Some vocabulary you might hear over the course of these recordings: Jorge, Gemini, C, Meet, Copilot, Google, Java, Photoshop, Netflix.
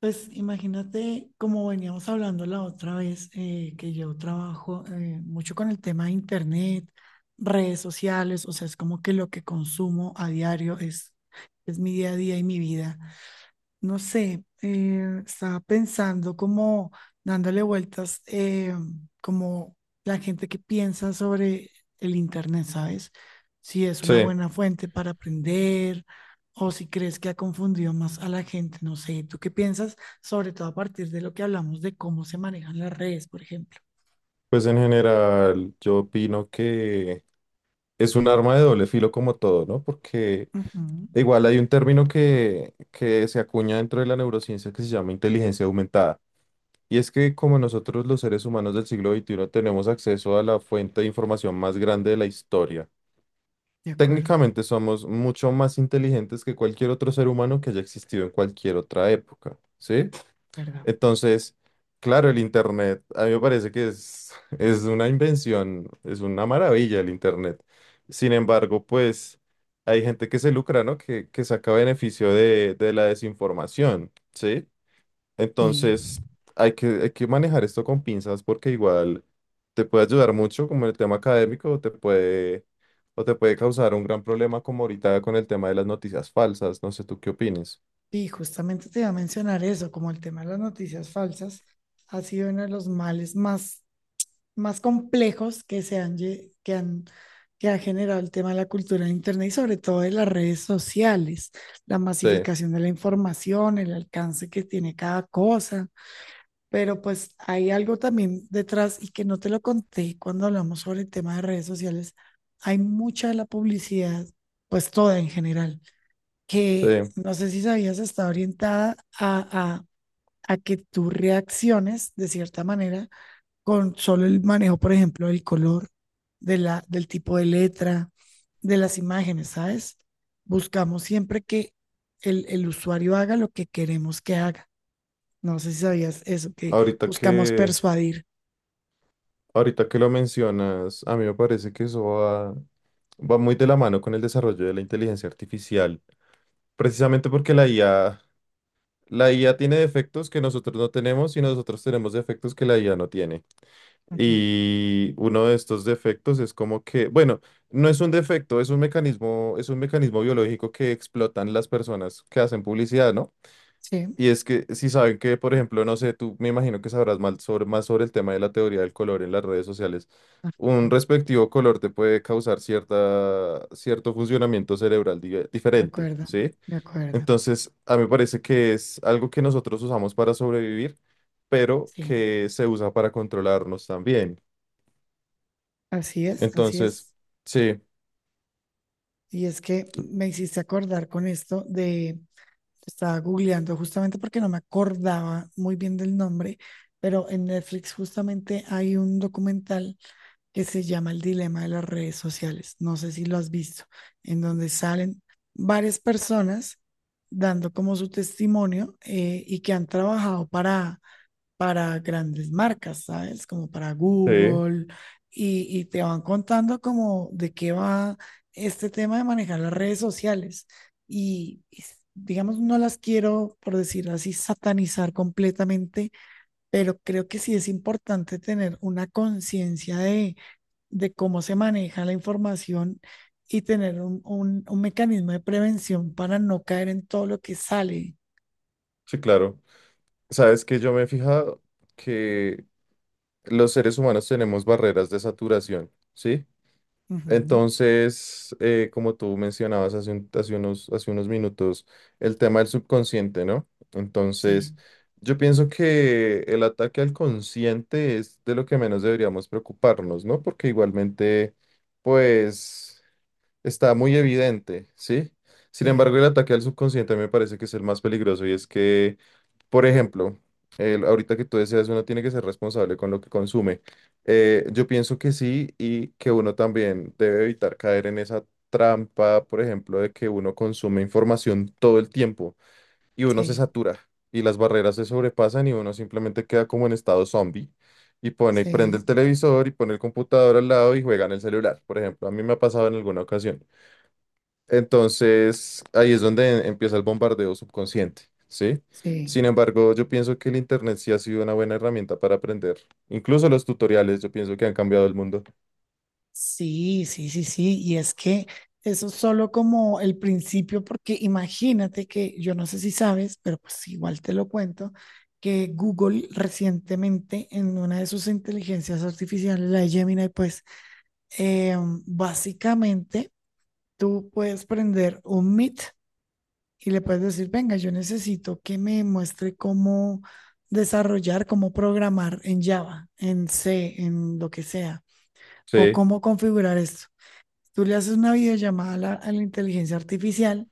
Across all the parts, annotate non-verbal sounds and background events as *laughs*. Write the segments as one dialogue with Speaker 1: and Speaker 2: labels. Speaker 1: Pues imagínate, como veníamos hablando la otra vez, que yo trabajo mucho con el tema de internet, redes sociales, o sea, es como que lo que consumo a diario es mi día a día y mi vida. No sé, estaba pensando como dándole vueltas, como la gente que piensa sobre el Internet, ¿sabes? Si es una
Speaker 2: Sí,
Speaker 1: buena fuente para aprender, o si crees que ha confundido más a la gente, no sé, ¿tú qué piensas? Sobre todo a partir de lo que hablamos de cómo se manejan las redes, por ejemplo.
Speaker 2: pues en general yo opino que es un arma de doble filo como todo, ¿no? Porque
Speaker 1: Ujú.
Speaker 2: igual hay un término que se acuña dentro de la neurociencia que se llama inteligencia aumentada. Y es que como nosotros los seres humanos del siglo XXI tenemos acceso a la fuente de información más grande de la historia,
Speaker 1: De acuerdo.
Speaker 2: técnicamente somos mucho más inteligentes que cualquier otro ser humano que haya existido en cualquier otra época, ¿sí?
Speaker 1: ¿Verdad?
Speaker 2: Entonces, claro, el Internet, a mí me parece que es, *laughs* es una invención, es una maravilla el Internet. Sin embargo, pues hay gente que se lucra, ¿no? Que saca beneficio de la desinformación, ¿sí?
Speaker 1: Sí.
Speaker 2: Entonces, hay que manejar esto con pinzas porque igual te puede ayudar mucho como en el tema académico, o te puede causar un gran problema como ahorita con el tema de las noticias falsas. No sé, ¿tú qué opinas?
Speaker 1: Y justamente te iba a mencionar eso, como el tema de las noticias falsas ha sido uno de los males más más complejos que se han, que ha generado el tema de la cultura de Internet y sobre todo de las redes sociales, la
Speaker 2: Sí,
Speaker 1: masificación de la información, el alcance que tiene cada cosa. Pero pues hay algo también detrás y que no te lo conté cuando hablamos sobre el tema de redes sociales. Hay mucha de la publicidad, pues toda en general,
Speaker 2: sí.
Speaker 1: que no sé si sabías, está orientada a que tú reacciones de cierta manera con solo el manejo, por ejemplo, del color, del tipo de letra, de las imágenes, ¿sabes? Buscamos siempre que el usuario haga lo que queremos que haga. No sé si sabías eso, que
Speaker 2: Ahorita
Speaker 1: buscamos
Speaker 2: que...
Speaker 1: persuadir.
Speaker 2: Ahorita que lo mencionas, a mí me parece que eso va muy de la mano con el desarrollo de la inteligencia artificial, precisamente porque la IA tiene defectos que nosotros no tenemos y nosotros tenemos defectos que la IA no tiene.
Speaker 1: Ujú.
Speaker 2: Y uno de estos defectos es como que, bueno, no es un defecto, es un mecanismo biológico que explotan las personas que hacen publicidad, ¿no?
Speaker 1: Sí,
Speaker 2: Y es que si saben que, por ejemplo, no sé, tú me imagino que sabrás más sobre el tema de la teoría del color en las redes sociales.
Speaker 1: ajá,
Speaker 2: Un respectivo color te puede causar cierta, cierto funcionamiento cerebral
Speaker 1: de
Speaker 2: diferente,
Speaker 1: acuerdo,
Speaker 2: ¿sí?
Speaker 1: de acuerdo.
Speaker 2: Entonces, a mí me parece que es algo que nosotros usamos para sobrevivir, pero
Speaker 1: Sí,
Speaker 2: que se usa para controlarnos también.
Speaker 1: así es, así
Speaker 2: Entonces,
Speaker 1: es.
Speaker 2: sí,
Speaker 1: Y es que me hiciste acordar con esto de, estaba googleando justamente porque no me acordaba muy bien del nombre, pero en Netflix justamente hay un documental que se llama El dilema de las redes sociales. No sé si lo has visto, en donde salen varias personas dando como su testimonio y que han trabajado para grandes marcas, ¿sabes? Como para
Speaker 2: sí,
Speaker 1: Google, y te van contando como de qué va este tema de manejar las redes sociales. Y, digamos, no las quiero, por decirlo así, satanizar completamente, pero creo que sí es importante tener una conciencia de cómo se maneja la información y tener un mecanismo de prevención para no caer en todo lo que sale.
Speaker 2: sí, claro. Sabes que yo me he fijado que los seres humanos tenemos barreras de saturación, ¿sí?
Speaker 1: Ujú.
Speaker 2: Entonces, como tú mencionabas hace unos minutos, el tema del subconsciente, ¿no? Entonces,
Speaker 1: Sí,
Speaker 2: yo pienso que el ataque al consciente es de lo que menos deberíamos preocuparnos, ¿no? Porque igualmente, pues, está muy evidente, ¿sí? Sin
Speaker 1: sí,
Speaker 2: embargo, el ataque al subconsciente me parece que es el más peligroso y es que por ejemplo, ahorita que tú decías, uno tiene que ser responsable con lo que consume. Yo pienso que sí y que uno también debe evitar caer en esa trampa, por ejemplo, de que uno consume información todo el tiempo y uno se
Speaker 1: sí,
Speaker 2: satura y las barreras se sobrepasan y uno simplemente queda como en estado zombie y pone, prende el
Speaker 1: sí.
Speaker 2: televisor y pone el computador al lado y juega en el celular, por ejemplo. A mí me ha pasado en alguna ocasión. Entonces, ahí es donde empieza el bombardeo subconsciente, ¿sí? Sin
Speaker 1: Sí,
Speaker 2: embargo, yo pienso que el Internet sí ha sido una buena herramienta para aprender. Incluso los tutoriales, yo pienso que han cambiado el mundo.
Speaker 1: sí, sí, sí, sí. Y es que eso es solo como el principio, porque imagínate que yo no sé si sabes, pero pues igual te lo cuento, que Google recientemente en una de sus inteligencias artificiales, la de Gemini, pues eh, básicamente tú puedes prender un Meet y le puedes decir, venga, yo necesito que me muestre cómo desarrollar, cómo programar en Java, en C, en lo que sea, o
Speaker 2: Sí.
Speaker 1: cómo configurar esto. Tú le haces una videollamada a a la inteligencia artificial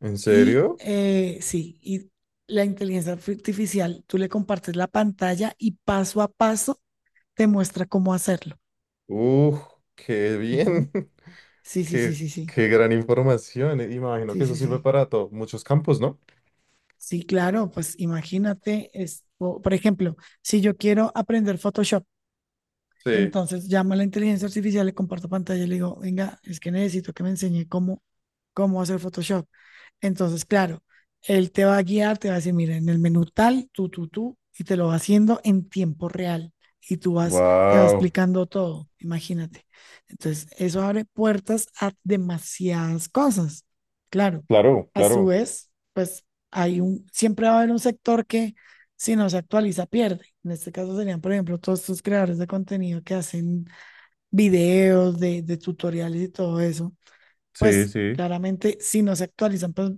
Speaker 2: ¿En
Speaker 1: y
Speaker 2: serio?
Speaker 1: sí, y la inteligencia artificial, tú le compartes la pantalla y paso a paso te muestra cómo hacerlo.
Speaker 2: ¡Uf! ¡Qué
Speaker 1: Ujú.
Speaker 2: bien! *laughs*
Speaker 1: Sí, sí, sí,
Speaker 2: ¡Qué,
Speaker 1: sí, sí,
Speaker 2: qué gran información! Imagino
Speaker 1: sí,
Speaker 2: que eso
Speaker 1: sí,
Speaker 2: sirve
Speaker 1: sí.
Speaker 2: para todo, muchos campos, ¿no?
Speaker 1: Sí, claro, pues imagínate, por ejemplo, si yo quiero aprender Photoshop.
Speaker 2: Sí.
Speaker 1: Entonces llamo a la inteligencia artificial, le comparto pantalla y le digo, venga, es que necesito que me enseñe cómo, cómo hacer Photoshop. Entonces, claro, él te va a guiar, te va a decir, mira, en el menú tal, tú, y te lo va haciendo en tiempo real. Y tú vas, te va
Speaker 2: Wow.
Speaker 1: explicando todo, imagínate. Entonces, eso abre puertas a demasiadas cosas. Claro,
Speaker 2: Claro,
Speaker 1: a su
Speaker 2: claro.
Speaker 1: vez, pues hay un, siempre va a haber un sector que si no se actualiza, pierde. En este caso serían, por ejemplo, todos estos creadores de contenido que hacen videos de tutoriales y todo eso.
Speaker 2: Sí,
Speaker 1: Pues
Speaker 2: sí,
Speaker 1: claramente, si no se actualizan, pues,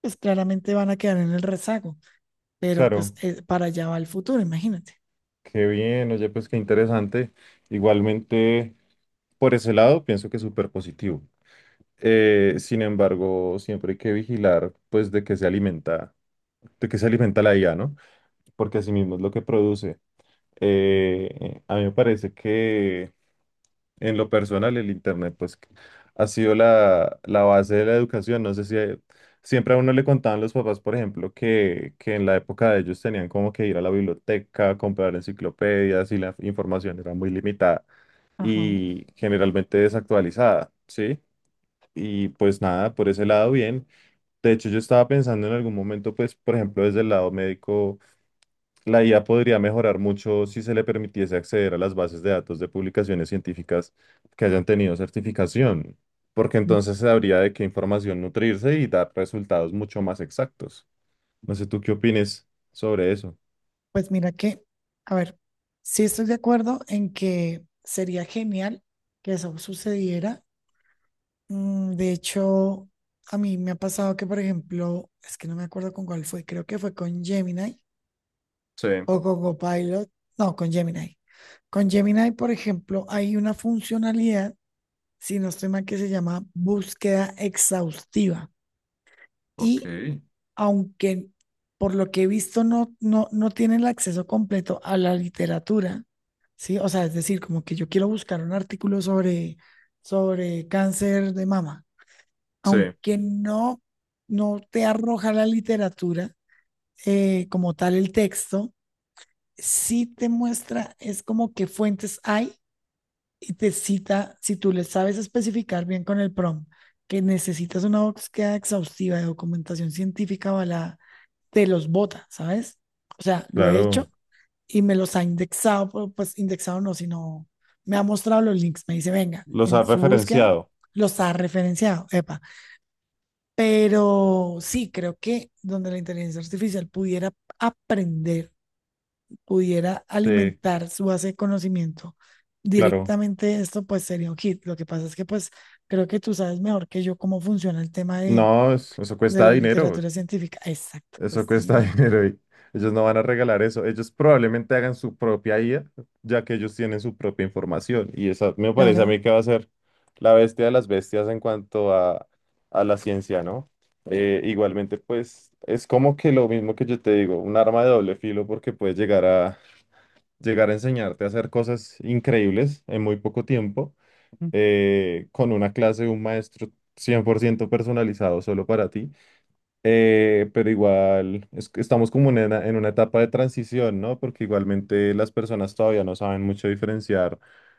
Speaker 1: pues claramente van a quedar en el rezago. Pero pues
Speaker 2: claro.
Speaker 1: para allá va el futuro, imagínate.
Speaker 2: Qué bien, oye, pues qué interesante. Igualmente, por ese lado, pienso que es súper positivo. Sin embargo, siempre hay que vigilar, pues, de qué se alimenta, de qué se alimenta la IA, ¿no? Porque así mismo es lo que produce. A mí me parece que, en lo personal, el Internet, pues, ha sido la base de la educación. No sé si siempre a uno le contaban los papás, por ejemplo, que en la época de ellos tenían como que ir a la biblioteca, comprar enciclopedias y la información era muy limitada
Speaker 1: Ajá.
Speaker 2: y generalmente desactualizada, ¿sí? Y pues nada, por ese lado bien, de hecho, yo estaba pensando en algún momento, pues, por ejemplo, desde el lado médico, la IA podría mejorar mucho si se le permitiese acceder a las bases de datos de publicaciones científicas que hayan tenido certificación, porque entonces se habría de qué información nutrirse y dar resultados mucho más exactos. No sé tú qué opines sobre eso.
Speaker 1: Pues mira que, a ver, sí estoy de acuerdo en que sería genial que eso sucediera. Mm, de hecho, a mí me ha pasado que, por ejemplo, es que no me acuerdo con cuál fue, creo que fue con Gemini,
Speaker 2: Sí,
Speaker 1: o con Copilot, no, con Gemini. Con Gemini, por ejemplo, hay una funcionalidad, si no estoy mal, que se llama búsqueda exhaustiva.
Speaker 2: ok,
Speaker 1: Y aunque por lo que he visto no tiene el acceso completo a la literatura, ¿sí? O sea, es decir, como que yo quiero buscar un artículo sobre, sobre cáncer de mama.
Speaker 2: sí,
Speaker 1: Aunque no, no te arroja la literatura como tal el texto, sí te muestra, es como que fuentes hay y te cita, si tú le sabes especificar bien con el prompt que necesitas una búsqueda exhaustiva de documentación científica avalada, te los bota, ¿sabes? O sea, lo he hecho
Speaker 2: claro,
Speaker 1: y me los ha indexado, pero, pues indexado no, sino me ha mostrado los links, me dice, venga,
Speaker 2: los
Speaker 1: en
Speaker 2: has
Speaker 1: su búsqueda
Speaker 2: referenciado.
Speaker 1: los ha referenciado, epa. Pero sí, creo que donde la inteligencia artificial pudiera aprender pudiera
Speaker 2: Sí,
Speaker 1: alimentar su base de conocimiento
Speaker 2: claro.
Speaker 1: directamente de esto, pues sería un hit. Lo que pasa es que pues creo que tú sabes mejor que yo cómo funciona el tema
Speaker 2: No, eso
Speaker 1: de
Speaker 2: cuesta
Speaker 1: la
Speaker 2: dinero.
Speaker 1: literatura científica. Exacto,
Speaker 2: Eso
Speaker 1: cuesta
Speaker 2: cuesta *laughs*
Speaker 1: dinero.
Speaker 2: dinero y ellos no van a regalar eso. Ellos probablemente hagan su propia IA, ya que ellos tienen su propia información. Y esa me parece a
Speaker 1: Claro,
Speaker 2: mí que va a ser la bestia de las bestias en cuanto a la ciencia, ¿no? Igualmente, pues es como que lo mismo que yo te digo, un arma de doble filo porque puedes llegar llegar a enseñarte a hacer cosas increíbles en muy poco tiempo, con una clase de un maestro 100% personalizado solo para ti. Pero igual es que estamos como en una etapa de transición, ¿no? Porque igualmente las personas todavía no saben mucho diferenciar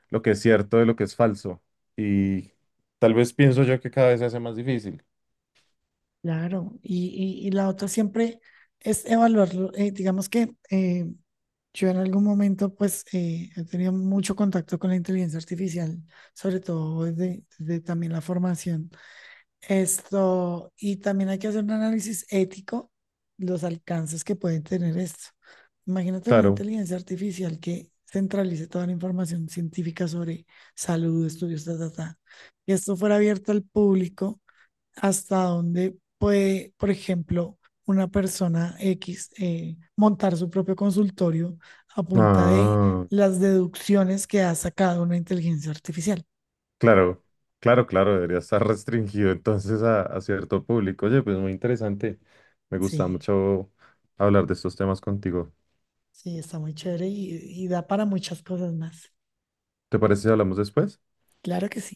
Speaker 2: lo que es cierto de lo que es falso. Y tal vez pienso yo que cada vez se hace más difícil.
Speaker 1: claro. Y la otra siempre es evaluarlo. Digamos que yo en algún momento pues he tenido mucho contacto con la inteligencia artificial, sobre todo desde, desde también la formación. Esto, y también hay que hacer un análisis ético, los alcances que puede tener esto. Imagínate una
Speaker 2: Claro.
Speaker 1: inteligencia artificial que centralice toda la información científica sobre salud, estudios, ta, ta, ta. Y esto fuera abierto al público, hasta donde puede, por ejemplo, una persona X montar su propio consultorio a punta de
Speaker 2: Ah,
Speaker 1: las deducciones que ha sacado una inteligencia artificial.
Speaker 2: claro, claro, claro, debería estar *laughs* restringido entonces a cierto público. Oye, pues muy interesante. Me gusta
Speaker 1: Sí.
Speaker 2: mucho hablar de estos temas contigo.
Speaker 1: Sí, está muy chévere y da para muchas cosas más.
Speaker 2: ¿Te parece si hablamos después?
Speaker 1: Claro que sí.